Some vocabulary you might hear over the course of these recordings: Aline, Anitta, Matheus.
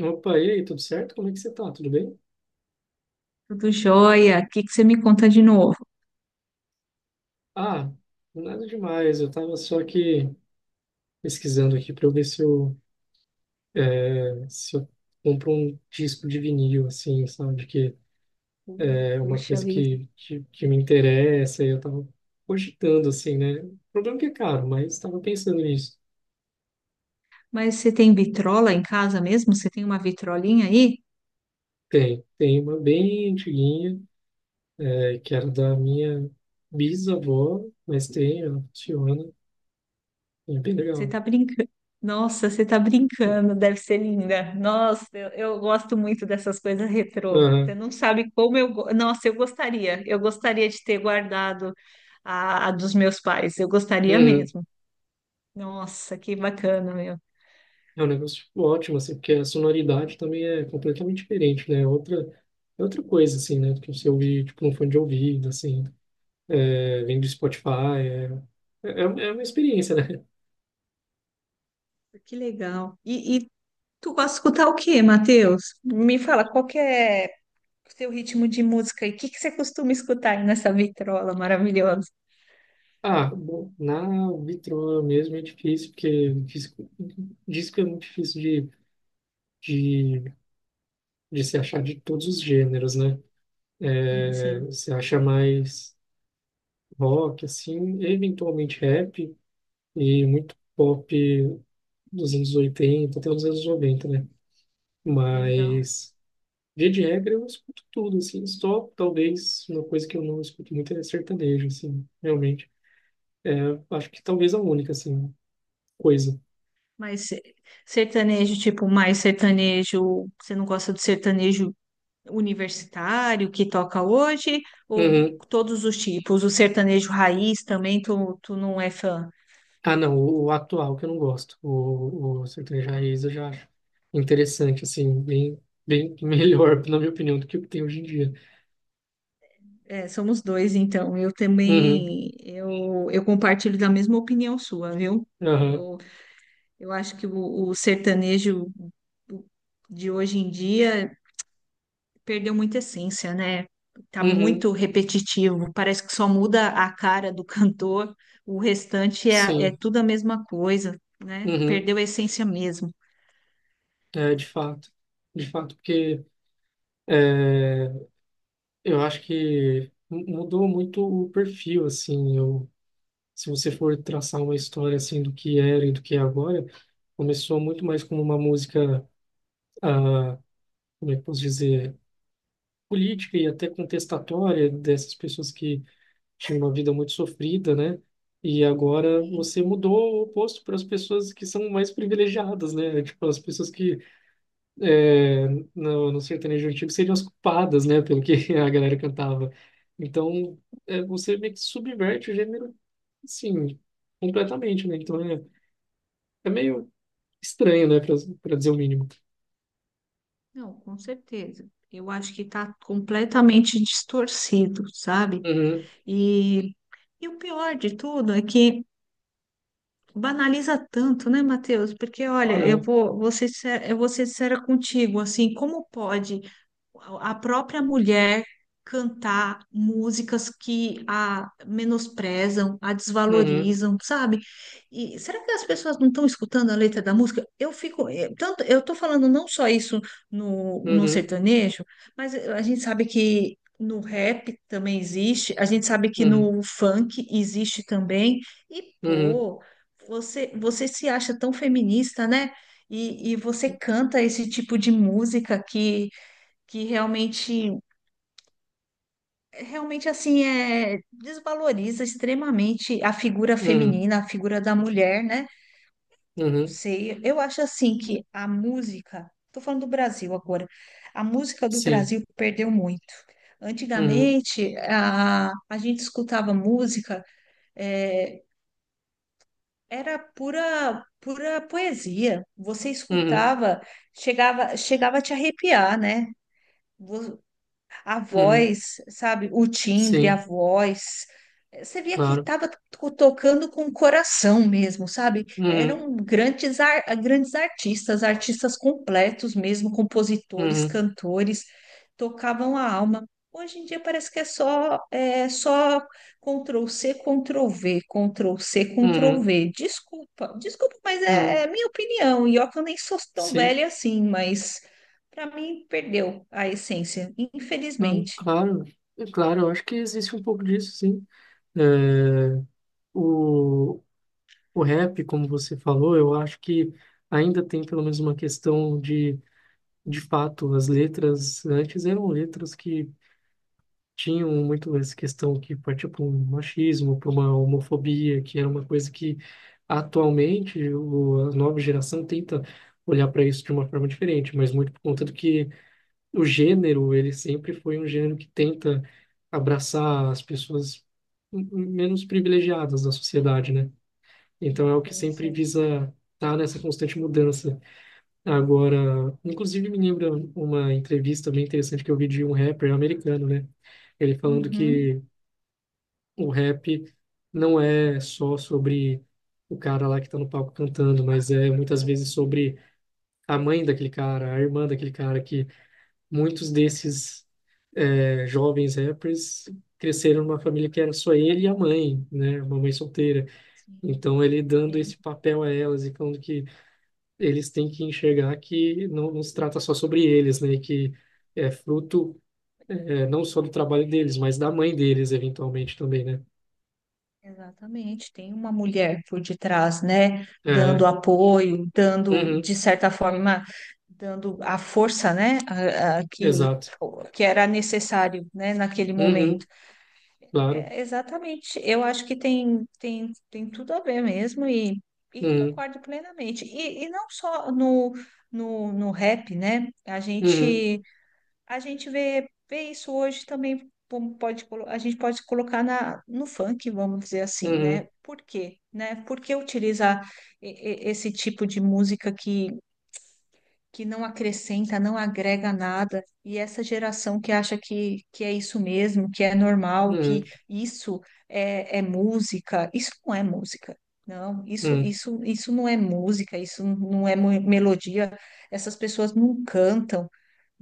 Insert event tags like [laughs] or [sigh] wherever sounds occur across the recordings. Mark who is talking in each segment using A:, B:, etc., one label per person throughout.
A: Opa, e aí, tudo certo? Como é que você tá? Tudo bem?
B: Tudo jóia. O que que você me conta de novo?
A: Ah, nada demais. Eu tava só aqui pesquisando aqui para eu ver se eu compro um disco de vinil, assim, sabe? Que é uma
B: Puxa
A: coisa
B: vida.
A: que me interessa. E eu tava cogitando, assim, né? O problema é que é caro, mas tava pensando nisso.
B: Mas você tem vitrola em casa mesmo? Você tem uma vitrolinha aí?
A: Tem uma bem antiguinha, que era da minha bisavó, mas tem, ela funciona e é bem
B: Você
A: legal.
B: tá brincando. Nossa, você tá brincando. Deve ser linda. Nossa, eu gosto muito dessas coisas retrô. Você
A: Aham.
B: não sabe como Nossa, eu gostaria. Eu gostaria de ter guardado a dos meus pais. Eu gostaria
A: Uhum.
B: mesmo. Nossa, que bacana, meu.
A: É um negócio tipo ótimo, assim, porque a sonoridade também é completamente diferente, né? É outra coisa, assim, né? Do que você ouvir, tipo, um fone de ouvido, assim, vem do Spotify, é, é uma experiência, né? [laughs]
B: Que legal. E tu gosta de escutar o quê, Matheus? Me fala, qual que é seu ritmo de música e o que que você costuma escutar aí nessa vitrola maravilhosa?
A: Ah, bom, na Vitro mesmo é difícil, porque disco é muito difícil de, de se achar de todos os gêneros, né?
B: Sim,
A: É,
B: sim.
A: você acha mais rock, assim, eventualmente rap e muito pop dos anos 80 até os anos 90, né?
B: Legal.
A: Mas, via de regra, eu escuto tudo, assim. Só talvez uma coisa que eu não escuto muito é sertanejo, assim, realmente. Acho que talvez a única, assim, coisa.
B: Mas sertanejo, tipo, mais sertanejo, você não gosta do sertanejo universitário que toca hoje? Ou
A: Uhum.
B: todos os tipos? O sertanejo raiz também, tu não é fã?
A: Ah, não, o atual que eu não gosto. O sertanejo raiz eu já acho interessante, assim, bem, bem [laughs] melhor, na minha opinião, do que o que tem hoje em dia.
B: É, somos dois, então. Eu
A: Uhum.
B: também, eu compartilho da mesma opinião sua, viu?
A: Aham.
B: Eu, eu acho que o sertanejo de hoje em dia perdeu muita essência, né? Tá
A: Uhum.
B: muito repetitivo, parece que só muda a cara do [laughs] cantor, o restante é, é
A: Sim.
B: tudo a mesma coisa, né?
A: Uhum.
B: Perdeu a essência mesmo.
A: É, de fato. De fato, porque é, eu acho que mudou muito o perfil, assim. Eu Se você for traçar uma história assim do que era e do que é agora, começou muito mais como uma música, ah, como é que eu posso dizer, política e até contestatória, dessas pessoas que tinham uma vida muito sofrida, né? E agora
B: E
A: você mudou o oposto para as pessoas que são mais privilegiadas, né? Tipo, as pessoas que, é, no sertanejo antigo, seriam as culpadas, né? Pelo que [laughs] a galera cantava. Então, você meio que subverte o gênero, sim, completamente, né? Então, É meio estranho, né, pra dizer o mínimo.
B: não, com certeza. Eu acho que está completamente distorcido, sabe?
A: Uhum.
B: E, e o pior de tudo é que banaliza tanto, né, Matheus? Porque, olha, eu
A: Olha.
B: vou ser, eu vou ser sincera contigo, assim, como pode a própria mulher cantar músicas que a menosprezam, a
A: Uhum.
B: desvalorizam, sabe? E será que as pessoas não estão escutando a letra da música? Eu fico, tanto, eu tô falando não só isso no
A: Uhum.
B: sertanejo, mas a gente sabe que no rap também existe, a gente sabe que
A: Uhum.
B: no funk existe também. E
A: Uhum.
B: pô, você se acha tão feminista, né? E você canta esse tipo de música que realmente, realmente assim, é, desvaloriza extremamente a figura
A: Uhum. Uhum.
B: feminina, a figura da mulher, né?
A: Uhum.
B: Sei, eu acho assim que a música, tô falando do Brasil agora, a música do
A: Sim.
B: Brasil perdeu muito.
A: Uhum.
B: Antigamente, a gente escutava música, é, era pura, pura poesia. Você
A: Uhum.
B: escutava, chegava, chegava a te arrepiar, né? A
A: Uhum.
B: voz, sabe? O timbre, a
A: Sim.
B: voz. Você via que
A: Claro.
B: estava tocando com o coração mesmo, sabe?
A: Uhum.
B: Eram grandes artistas, artistas completos mesmo, compositores,
A: Uhum.
B: cantores, tocavam a alma. Hoje em dia parece que é só Ctrl C, Ctrl V, Ctrl C, Ctrl
A: Uhum.
B: V. Desculpa, desculpa, mas
A: Uhum.
B: é minha opinião. E ó, que eu nem sou tão
A: Sim.
B: velha assim, mas para mim, perdeu a essência,
A: Não,
B: infelizmente.
A: claro, é claro, eu acho que existe um pouco disso, sim. É, o, o rap, como você falou, eu acho que ainda tem pelo menos uma questão de fato, as letras antes eram letras que tinham muito essa questão, que partia para um machismo, para uma homofobia, que era uma coisa que atualmente a nova geração tenta olhar para isso de uma forma diferente, mas muito por conta do que o gênero, ele sempre foi um gênero que tenta abraçar as pessoas menos privilegiadas da sociedade, né? Então é o que
B: Sim,
A: sempre
B: sim,
A: visa estar nessa constante mudança. Agora, inclusive, me lembra uma entrevista bem interessante que eu vi de um rapper americano, né? Ele falando
B: uhum,
A: que o rap não é só sobre o cara lá que tá no palco cantando, mas é muitas vezes sobre a mãe daquele cara, a irmã daquele cara, que muitos desses, jovens rappers, cresceram numa família que era só ele e a mãe, né? Uma mãe solteira.
B: sim,
A: Então ele dando
B: sim,
A: esse papel a elas e falando que eles têm que enxergar que não, não se trata só sobre eles, né? E que é fruto, não só do trabalho deles, mas da mãe deles, eventualmente também, né?
B: exatamente. Tem uma mulher por detrás, né?
A: É,
B: Dando apoio, dando,
A: uhum.
B: de certa forma, dando a força, né?
A: Exato.
B: Que era necessário, né? Naquele
A: Uhum,
B: momento.
A: claro.
B: É, exatamente. Eu acho que tem tudo a ver mesmo e
A: Uhum.
B: concordo plenamente. E não só no rap, né? A
A: Uhum.
B: gente. A gente vê isso hoje também, como pode, a gente pode colocar na, no funk, vamos dizer assim, né?
A: Uhum.
B: Por quê, né? Por que utilizar e- esse tipo de música que não acrescenta, não agrega nada? E essa geração que acha que é isso mesmo, que é normal, que
A: Uhum.
B: isso é música. Isso não é música. Não,
A: Uhum.
B: isso não é música, isso não é melodia. Essas pessoas não cantam,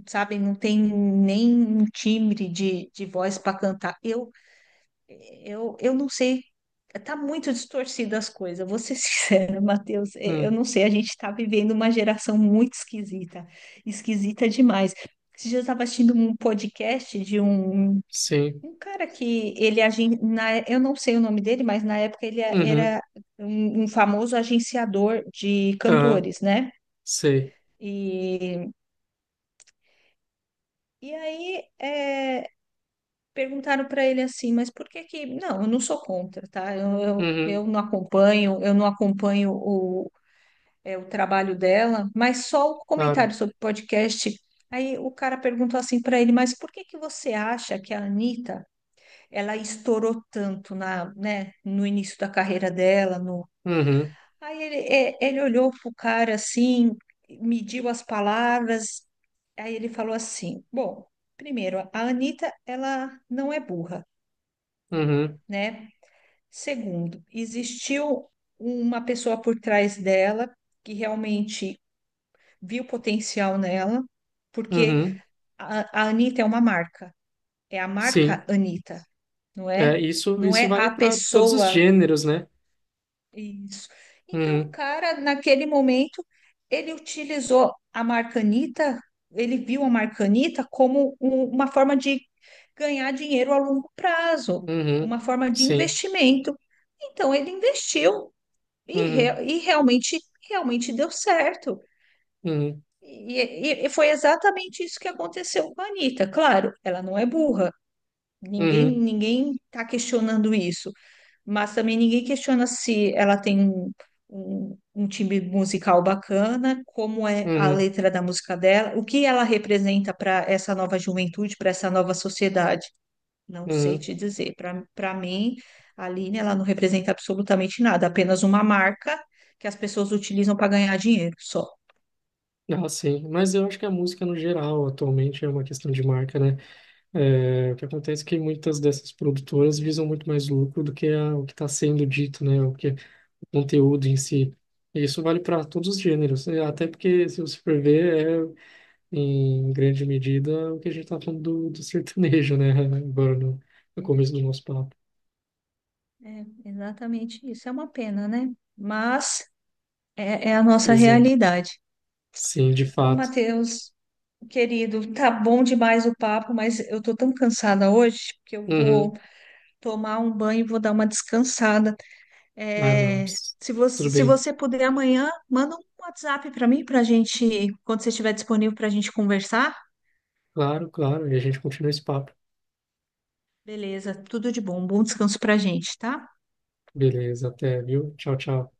B: sabe? Não tem nem um timbre de voz para cantar. Eu, eu não sei. Tá muito distorcida as coisas, vou ser [laughs] sincera, Matheus. Eu
A: Uhum.
B: não sei, a gente tá vivendo uma geração muito esquisita, esquisita demais. Esses dias eu estava assistindo um podcast
A: Sim.
B: um cara que ele é eu não sei o nome dele, mas na época ele
A: Uhum,
B: era um famoso agenciador de
A: aham,
B: cantores, né?
A: sei.
B: E, e aí é, perguntaram para ele assim, mas por que que... Não, eu não sou contra, tá? Eu, eu,
A: Uhum,
B: eu não acompanho, eu não acompanho é, o trabalho dela, mas só o
A: claro.
B: comentário sobre podcast. Aí o cara perguntou assim para ele, mas por que que você acha que a Anitta, ela estourou tanto na, né, no início da carreira dela? No...
A: Uhum.
B: Aí ele, é, ele olhou pro cara assim, mediu as palavras, aí ele falou assim, bom, primeiro, a Anitta, ela não é burra,
A: Uhum.
B: né? Segundo, existiu uma pessoa por trás dela que realmente viu potencial nela, porque
A: Uhum.
B: a Anitta é uma marca, é a
A: Sim.
B: marca Anitta, não
A: É,
B: é?
A: isso,
B: Não
A: isso
B: é
A: vale
B: a
A: para todos os
B: pessoa.
A: gêneros, né?
B: Isso. Então, o
A: Uhum.
B: cara, naquele momento, ele utilizou a marca Anitta, ele viu a marca Anitta como uma forma de ganhar dinheiro a longo prazo,
A: Uhum.
B: uma forma de
A: Sim.
B: investimento. Então, ele investiu.
A: Uhum.
B: E realmente, realmente deu certo.
A: Uhum.
B: E, e foi exatamente isso que aconteceu com a Anitta. Claro, ela não é burra. Ninguém,
A: Uhum.
B: ninguém está questionando isso. Mas também ninguém questiona se ela tem um timbre musical bacana, como é a
A: Uhum.
B: letra da música dela, o que ela representa para essa nova juventude, para essa nova sociedade. Não sei
A: Uhum.
B: te dizer. Para mim, a Aline, ela não representa absolutamente nada, apenas uma marca que as pessoas utilizam para ganhar dinheiro só.
A: Ah, sim. Mas eu acho que a música no geral atualmente é uma questão de marca, né? É, o que acontece é que muitas dessas produtoras visam muito mais lucro do que o que está sendo dito, né? O que é o conteúdo em si. E isso vale para todos os gêneros, né? Até porque, se você for ver, é em grande medida o que a gente está falando do sertanejo, né? [laughs] Agora no começo do nosso papo.
B: É, exatamente isso. É uma pena, né? Mas é, é a nossa
A: Pois é,
B: realidade.
A: sim, de
B: Ô,
A: fato.
B: Matheus, querido, tá bom demais o papo, mas eu tô tão cansada hoje que eu vou
A: Uhum.
B: tomar um banho e vou dar uma descansada.
A: Ah, não.
B: É, se você,
A: Tudo
B: se
A: bem.
B: você puder amanhã, manda um WhatsApp para mim, para gente, quando você estiver disponível, para a gente conversar.
A: Claro, claro. E a gente continua esse papo.
B: Beleza, tudo de bom. Bom descanso pra gente, tá?
A: Beleza, até, viu? Tchau, tchau.